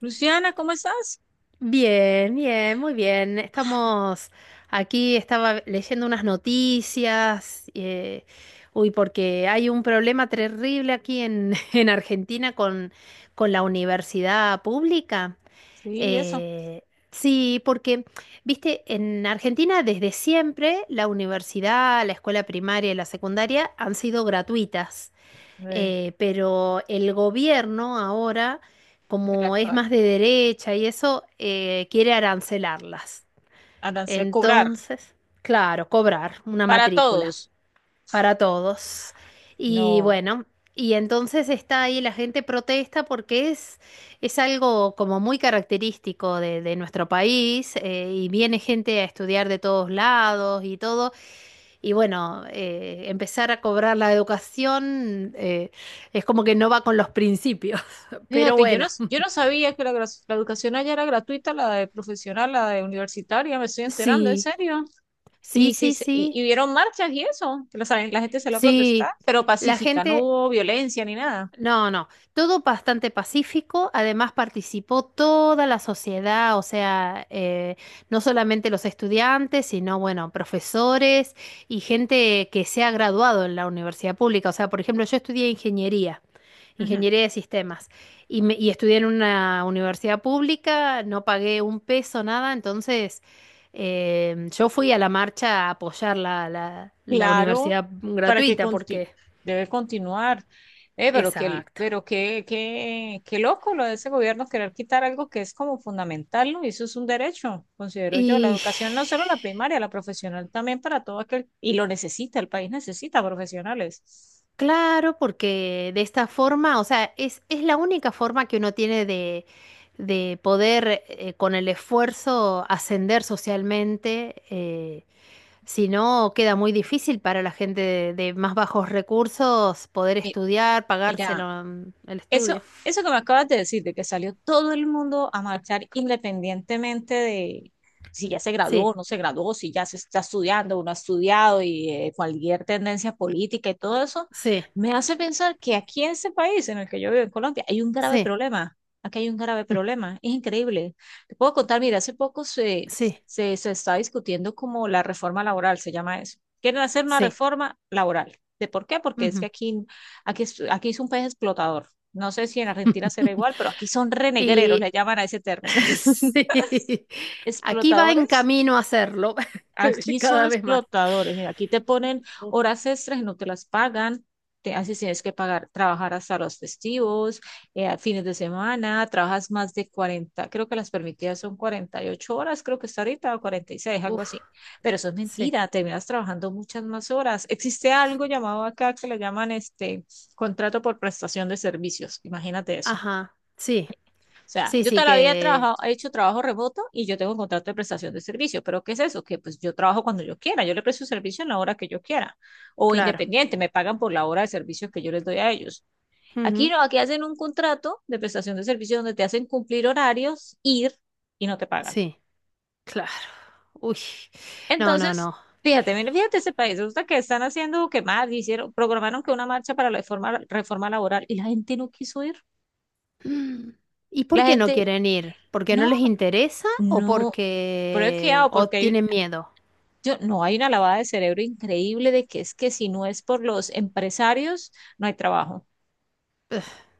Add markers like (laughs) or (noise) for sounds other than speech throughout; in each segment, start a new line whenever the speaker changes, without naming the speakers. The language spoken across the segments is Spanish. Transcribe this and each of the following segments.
Luciana, ¿cómo estás?
Bien, bien, muy bien.
Ah,
Estamos aquí, estaba leyendo unas noticias, uy, porque hay un problema terrible aquí en, (laughs) en Argentina con, la universidad pública.
sí, eso,
Eh, sí, porque, viste, en Argentina desde siempre la universidad, la escuela primaria y la secundaria han sido gratuitas.
de,
Pero el gobierno ahora,
del
como es
actuar.
más de derecha y eso, quiere arancelarlas.
Andarse a cobrar
Entonces, claro, cobrar una
para
matrícula
todos.
para todos. Y
No.
bueno, y entonces está ahí la gente protesta porque es algo como muy característico de nuestro país, y viene gente a estudiar de todos lados y todo. Y bueno, empezar a cobrar la educación, es como que no va con los principios, (laughs) pero
Fíjate,
bueno,
yo no sabía que la educación allá era gratuita, la de profesional, la de universitaria, me estoy enterando, en
sí,
serio.
sí,
Y, sí,
sí,
se- y,
sí,
y hubieron marchas y eso, que la gente se lo protestar,
sí.
pero
La
pacífica, no
gente,
hubo violencia ni nada.
No, no, todo bastante pacífico, además participó toda la sociedad, o sea, no solamente los estudiantes, sino, bueno, profesores y gente que se ha graduado en la universidad pública. O sea, por ejemplo, yo estudié ingeniería, ingeniería de sistemas, y estudié en una universidad pública, no pagué un peso, nada, entonces yo fui a la marcha a apoyar la
Claro,
universidad
para que
gratuita,
conti-
porque.
debe continuar. Pero qué,
Exacto.
pero qué, qué, qué loco lo de ese gobierno querer quitar algo que es como fundamental, ¿no? Y eso es un derecho, considero yo. La
Y
educación no solo la primaria, la profesional también para todo aquel, y lo necesita, el país necesita profesionales.
claro, porque de esta forma, o sea, es la única forma que uno tiene de poder, con el esfuerzo ascender socialmente, si no queda muy difícil para la gente de más bajos recursos poder
Mi-
estudiar,
Mira,
pagárselo, el
Eso,
estudio.
eso que me acabas de decir, de que salió todo el mundo a marchar independientemente de si ya se graduó
Sí,
o no se graduó, si ya se está estudiando o no ha estudiado y cualquier tendencia política y todo eso,
sí,
me hace pensar que aquí en este país en el que yo vivo, en Colombia, hay un grave
sí,
problema. Aquí hay un grave
(laughs)
problema. Es increíble. Te puedo contar, mira, hace poco se,
sí,
se, se está discutiendo como la reforma laboral, se llama eso. Quieren hacer una
sí.
reforma laboral. ¿De por qué? Porque es que
Ujú.
aquí es un país explotador. No sé si en Argentina será
(laughs)
igual, pero aquí son renegreros,
Y,
le llaman a ese término.
(laughs)
(laughs)
sí, aquí va en
Explotadores.
camino a hacerlo (laughs)
Aquí son
cada vez más.
explotadores. Mira, aquí te ponen
Uf,
horas extras y no te las pagan. Te, así tienes que pagar, trabajar hasta los festivos, fines de semana, trabajas más de 40. Creo que las permitidas son 48 horas, creo que está ahorita, o 46, algo
uf,
así. Pero eso es
sí,
mentira, terminas trabajando muchas más horas. Existe algo llamado acá que le llaman este contrato por prestación de servicios. Imagínate eso.
ajá, sí,
O sea,
sí,
yo
sí
toda la vida he
que,
trabajado, he hecho trabajo remoto y yo tengo un contrato de prestación de servicio, pero ¿qué es eso? Que pues yo trabajo cuando yo quiera, yo le presto servicio en la hora que yo quiera, o
claro,
independiente, me pagan por la hora de servicio que yo les doy a ellos. Aquí
ujú,
no, aquí hacen un contrato de prestación de servicio donde te hacen cumplir horarios, ir y no te pagan.
sí, claro, uy, no, no,
Entonces,
no.
fíjate, mira, fíjate ese país, resulta que están haciendo que más, hicieron, programaron que una marcha para la reforma, reforma laboral y la gente no quiso ir.
Mm. ¿Y por
La
qué no
gente,
quieren ir? ¿Porque no
no,
les interesa o
no, pero es que
porque
hago
o
porque hay,
tienen miedo?
yo, no hay una lavada de cerebro increíble de que es que si no es por los empresarios, no hay trabajo.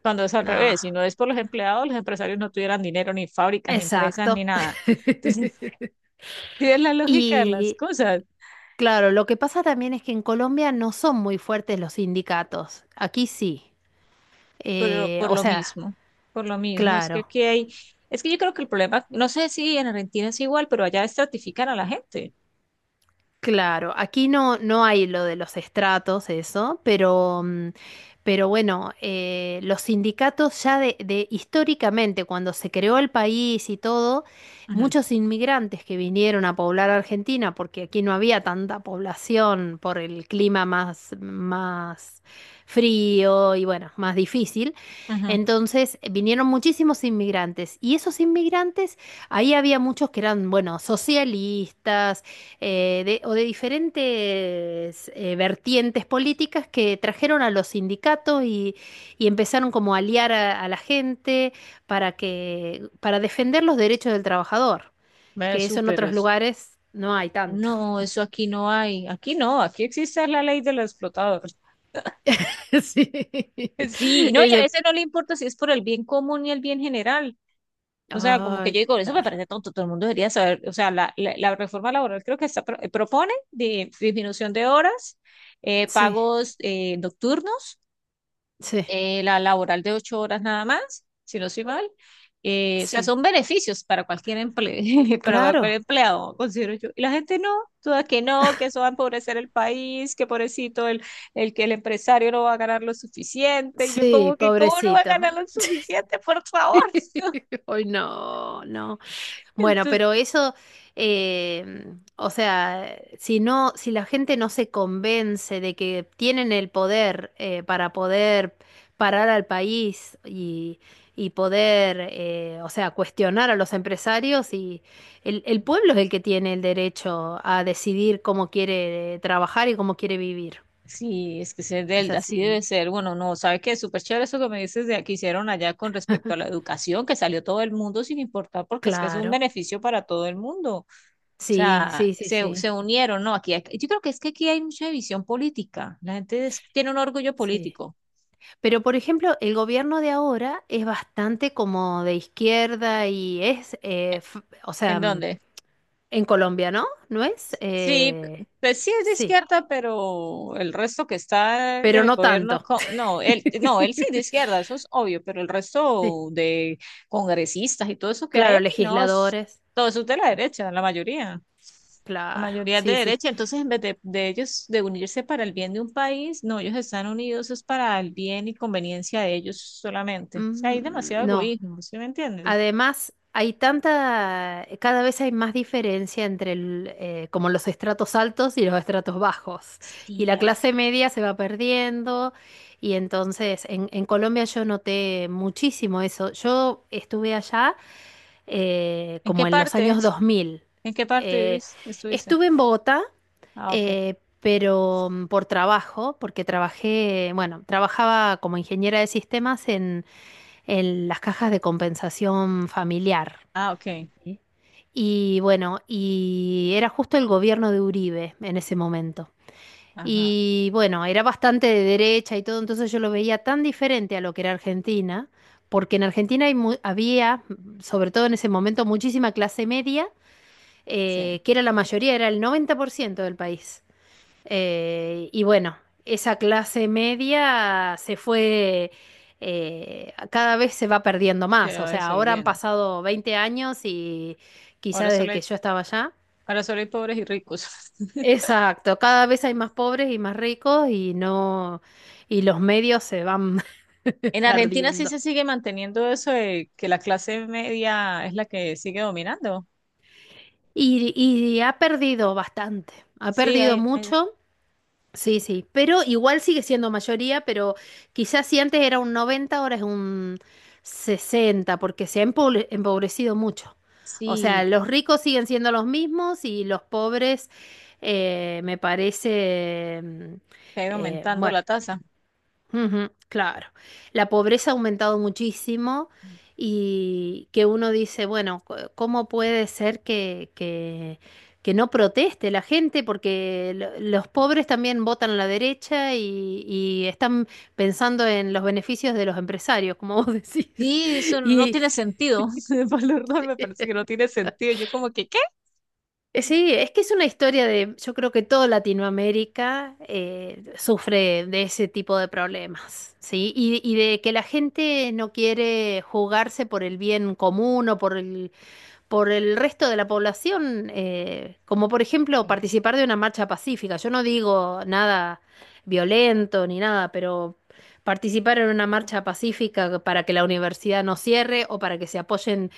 Cuando es al
No,
revés, si no es por los empleados, los empresarios no tuvieran dinero, ni fábricas, ni empresas, ni
exacto.
nada. Entonces, (laughs)
(laughs)
sí es la lógica de las
Y
cosas,
claro, lo que pasa también es que en Colombia no son muy fuertes los sindicatos. Aquí sí.
pero
Eh, o sea,
por lo mismo, es que
claro.
aquí hay, es que yo creo que el problema, no sé si en Argentina es igual, pero allá estratifican a la gente.
Claro, aquí no, no hay lo de los estratos, eso, pero bueno, los sindicatos ya históricamente, cuando se creó el país y todo,
Ujú,
muchos inmigrantes que vinieron a poblar Argentina, porque aquí no había tanta población por el clima más frío y bueno, más difícil,
ujú.
entonces vinieron muchísimos inmigrantes y esos inmigrantes, ahí había muchos que eran, bueno, socialistas, o de diferentes vertientes políticas que trajeron a los sindicatos y empezaron como a aliar a la gente para defender los derechos del trabajador,
Ve
que eso en
súper
otros
eso.
lugares no hay tanto. (laughs)
No, eso aquí no hay, aquí no, aquí existe la ley del explotador.
Sí.
Sí, no, y a
Ese-
veces no le importa si es por el bien común y el bien general. O sea, como que
ay,
yo digo, eso me
claro.
parece tonto, todo el mundo debería saber, o sea, la reforma laboral creo que está, propone de disminución de horas,
Sí,
pagos nocturnos,
sí,
la laboral de 8 horas nada más, si no soy mal. O sea,
sí.
son beneficios para cualquier emple- (laughs) para cualquier
Claro.
empleado, considero yo. Y la gente no, toda que no, que eso va a empobrecer el país, que pobrecito el que el empresario no va a ganar lo suficiente. Y yo
Sí,
como que, ¿cómo no va a ganar
pobrecito.
lo suficiente, por favor? (laughs)
(laughs) Ay, no, no. Bueno,
Entonces,
pero eso, o sea, si la gente no se convence de que tienen el poder, para poder parar al país y poder, o sea, cuestionar a los empresarios, y el pueblo es el que tiene el derecho a decidir cómo quiere trabajar y cómo quiere vivir.
sí, es que ser
Es
del, así debe
así.
ser. Bueno, no, ¿sabes qué? Súper chévere eso que me dices de que hicieron allá con respecto a la educación, que salió todo el mundo sin importar, porque es que es un
Claro.
beneficio para todo el mundo. O
Sí,
sea,
sí, sí,
se,
sí,
se unieron, ¿no? Aquí hay- yo creo que es que aquí hay mucha división política. La gente es- tiene un orgullo
sí.
político.
Pero, por ejemplo, el gobierno de ahora es bastante como de izquierda y o sea,
¿En dónde?
en Colombia, ¿no? ¿No es?
Sí,
Eh,
pues sí es de
sí,
izquierda, pero el resto que está en
pero
el
no
gobierno,
tanto.
co- no, él,
(laughs)
no, él sí es de izquierda, eso es obvio, pero el
Sí,
resto de congresistas y todo eso que hay
claro,
aquí, no, es-
legisladores,
todo eso es de la derecha, la mayoría. La
claro,
mayoría es de
sí, sí.
derecha, entonces en vez de ellos de unirse para el bien de un país, no, ellos están unidos es para el bien y conveniencia de ellos solamente. O sea, hay
Mm,
demasiado
no.
egoísmo, ¿sí me entiendes?
Además, cada vez hay más diferencia entre como los estratos altos y los estratos bajos. Y
Sí,
la
aquí.
clase media se va perdiendo. Y entonces, en Colombia yo noté muchísimo eso. Yo estuve allá,
¿En qué
como en los años
partes?
2000.
¿En qué parte
Eh,
vivís? Estuviste.
estuve en Bogotá,
Ah, ok.
pero, por trabajo, porque trabajé, bueno, trabajaba como ingeniera de sistemas en las cajas de compensación familiar.
Ah, ok.
Sí. Y bueno, y era justo el gobierno de Uribe en ese momento.
Ajá.
Y bueno, era bastante de derecha y todo, entonces yo lo veía tan diferente a lo que era Argentina, porque en Argentina había, sobre todo en ese momento, muchísima clase media,
Sí,
que era la mayoría, era el 90% del país. Y bueno, esa clase media se fue, cada vez se va perdiendo
se
más. O
va
sea, ahora han
disolviendo.
pasado 20 años y
Ahora
quizá desde
solo hay,
que yo estaba allá.
ahora solo hay pobres y ricos. (laughs)
Exacto, cada vez hay más pobres y más ricos y no, y los medios se van (laughs)
En Argentina sí
perdiendo.
se sigue manteniendo eso de que la clase media es la que sigue dominando.
Y ha perdido bastante, ha
Sí,
perdido mucho. Sí, sí, pero igual sigue siendo mayoría, pero quizás si antes era un 90 ahora es un 60, porque se ha empobrecido mucho. O
sí,
sea, los ricos siguen siendo los mismos y los pobres, me parece,
que ha ido aumentando
bueno.
la tasa.
Ujú, claro, la pobreza ha aumentado muchísimo y que uno dice, bueno, ¿cómo puede ser que, que no proteste la gente? Porque los pobres también votan a la derecha y están pensando en los beneficios de los empresarios, como vos (laughs) decís.
Sí, eso no
Y,
tiene sentido. (laughs) El valor no me parece que no tiene sentido. Yo como que, ¿qué?
Sí, es que es una historia de, yo creo que toda Latinoamérica, sufre de ese tipo de problemas, ¿sí? Y de que la gente no quiere jugarse por el bien común o por el resto de la población, como por ejemplo participar de una marcha pacífica. Yo no digo nada violento ni nada, pero participar en una marcha pacífica para que la universidad no cierre o para que se apoyen,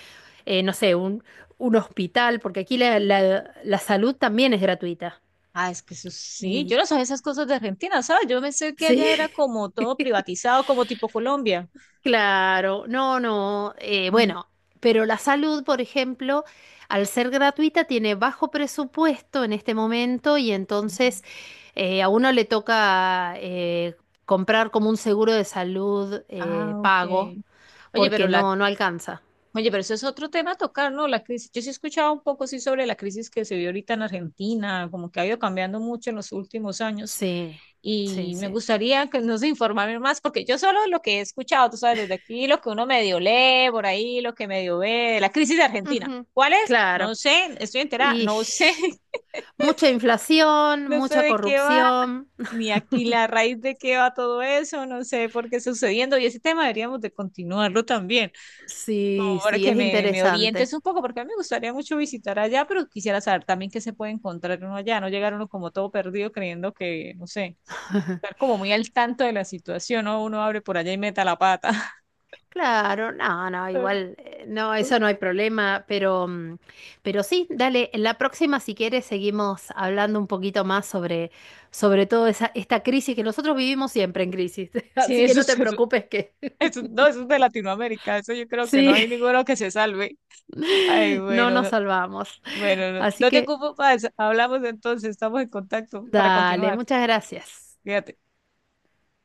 no sé, un hospital, porque aquí la salud también es gratuita.
Ah, es que eso sí, yo
Y
no sabía esas cosas de Argentina, ¿sabes? Yo pensé que
sí.
allá era como todo
(laughs)
privatizado, como tipo Colombia.
Claro, no, no,
Mm.
bueno, pero la salud, por ejemplo, al ser gratuita tiene bajo presupuesto en este momento y entonces a uno le toca, comprar como un seguro de salud,
Ah, ok.
pago,
Oye, pero
porque
la...
no alcanza.
Oye, pero eso es otro tema a tocar, ¿no? La crisis. Yo sí he escuchado un poco sí sobre la crisis que se vio ahorita en Argentina, como que ha ido cambiando mucho en los últimos años.
Sí, sí,
Y me
sí.
gustaría que nos informaran más, porque yo solo lo que he escuchado, tú sabes, desde aquí, lo que uno medio lee por ahí, lo que medio ve, la crisis de Argentina.
Ujú,
¿Cuál es? No
claro.
sé, estoy enterada,
Y
no sé, (laughs)
mucha inflación,
no sé
mucha
de qué va,
corrupción.
ni aquí la raíz de qué va todo eso, no sé por qué está sucediendo. Y ese tema deberíamos de continuarlo también
Sí,
favor,
sí,
que
es
me
interesante.
orientes un poco, porque a mí me gustaría mucho visitar allá, pero quisiera saber también qué se puede encontrar uno allá, no llegar uno como todo perdido creyendo que, no sé, estar como muy al tanto de la situación, ¿no? Uno abre por allá y meta la pata.
Claro, no, no, igual,
(laughs)
no, eso no hay problema, pero, pero sí, dale, en la próxima, si quieres, seguimos hablando un poquito más sobre toda esta crisis, que nosotros vivimos siempre en crisis, (laughs)
Sí,
así que
eso
no
es,
te
eso,
preocupes que (laughs)
eso- no, eso es de Latinoamérica, eso yo creo que no
sí,
hay ninguno que se salve. Ay,
(laughs) no
bueno,
nos
no-
salvamos.
bueno, no,
Así
no te
que,
ocupo más, hablamos entonces, estamos en contacto para
dale,
continuar,
muchas gracias.
fíjate.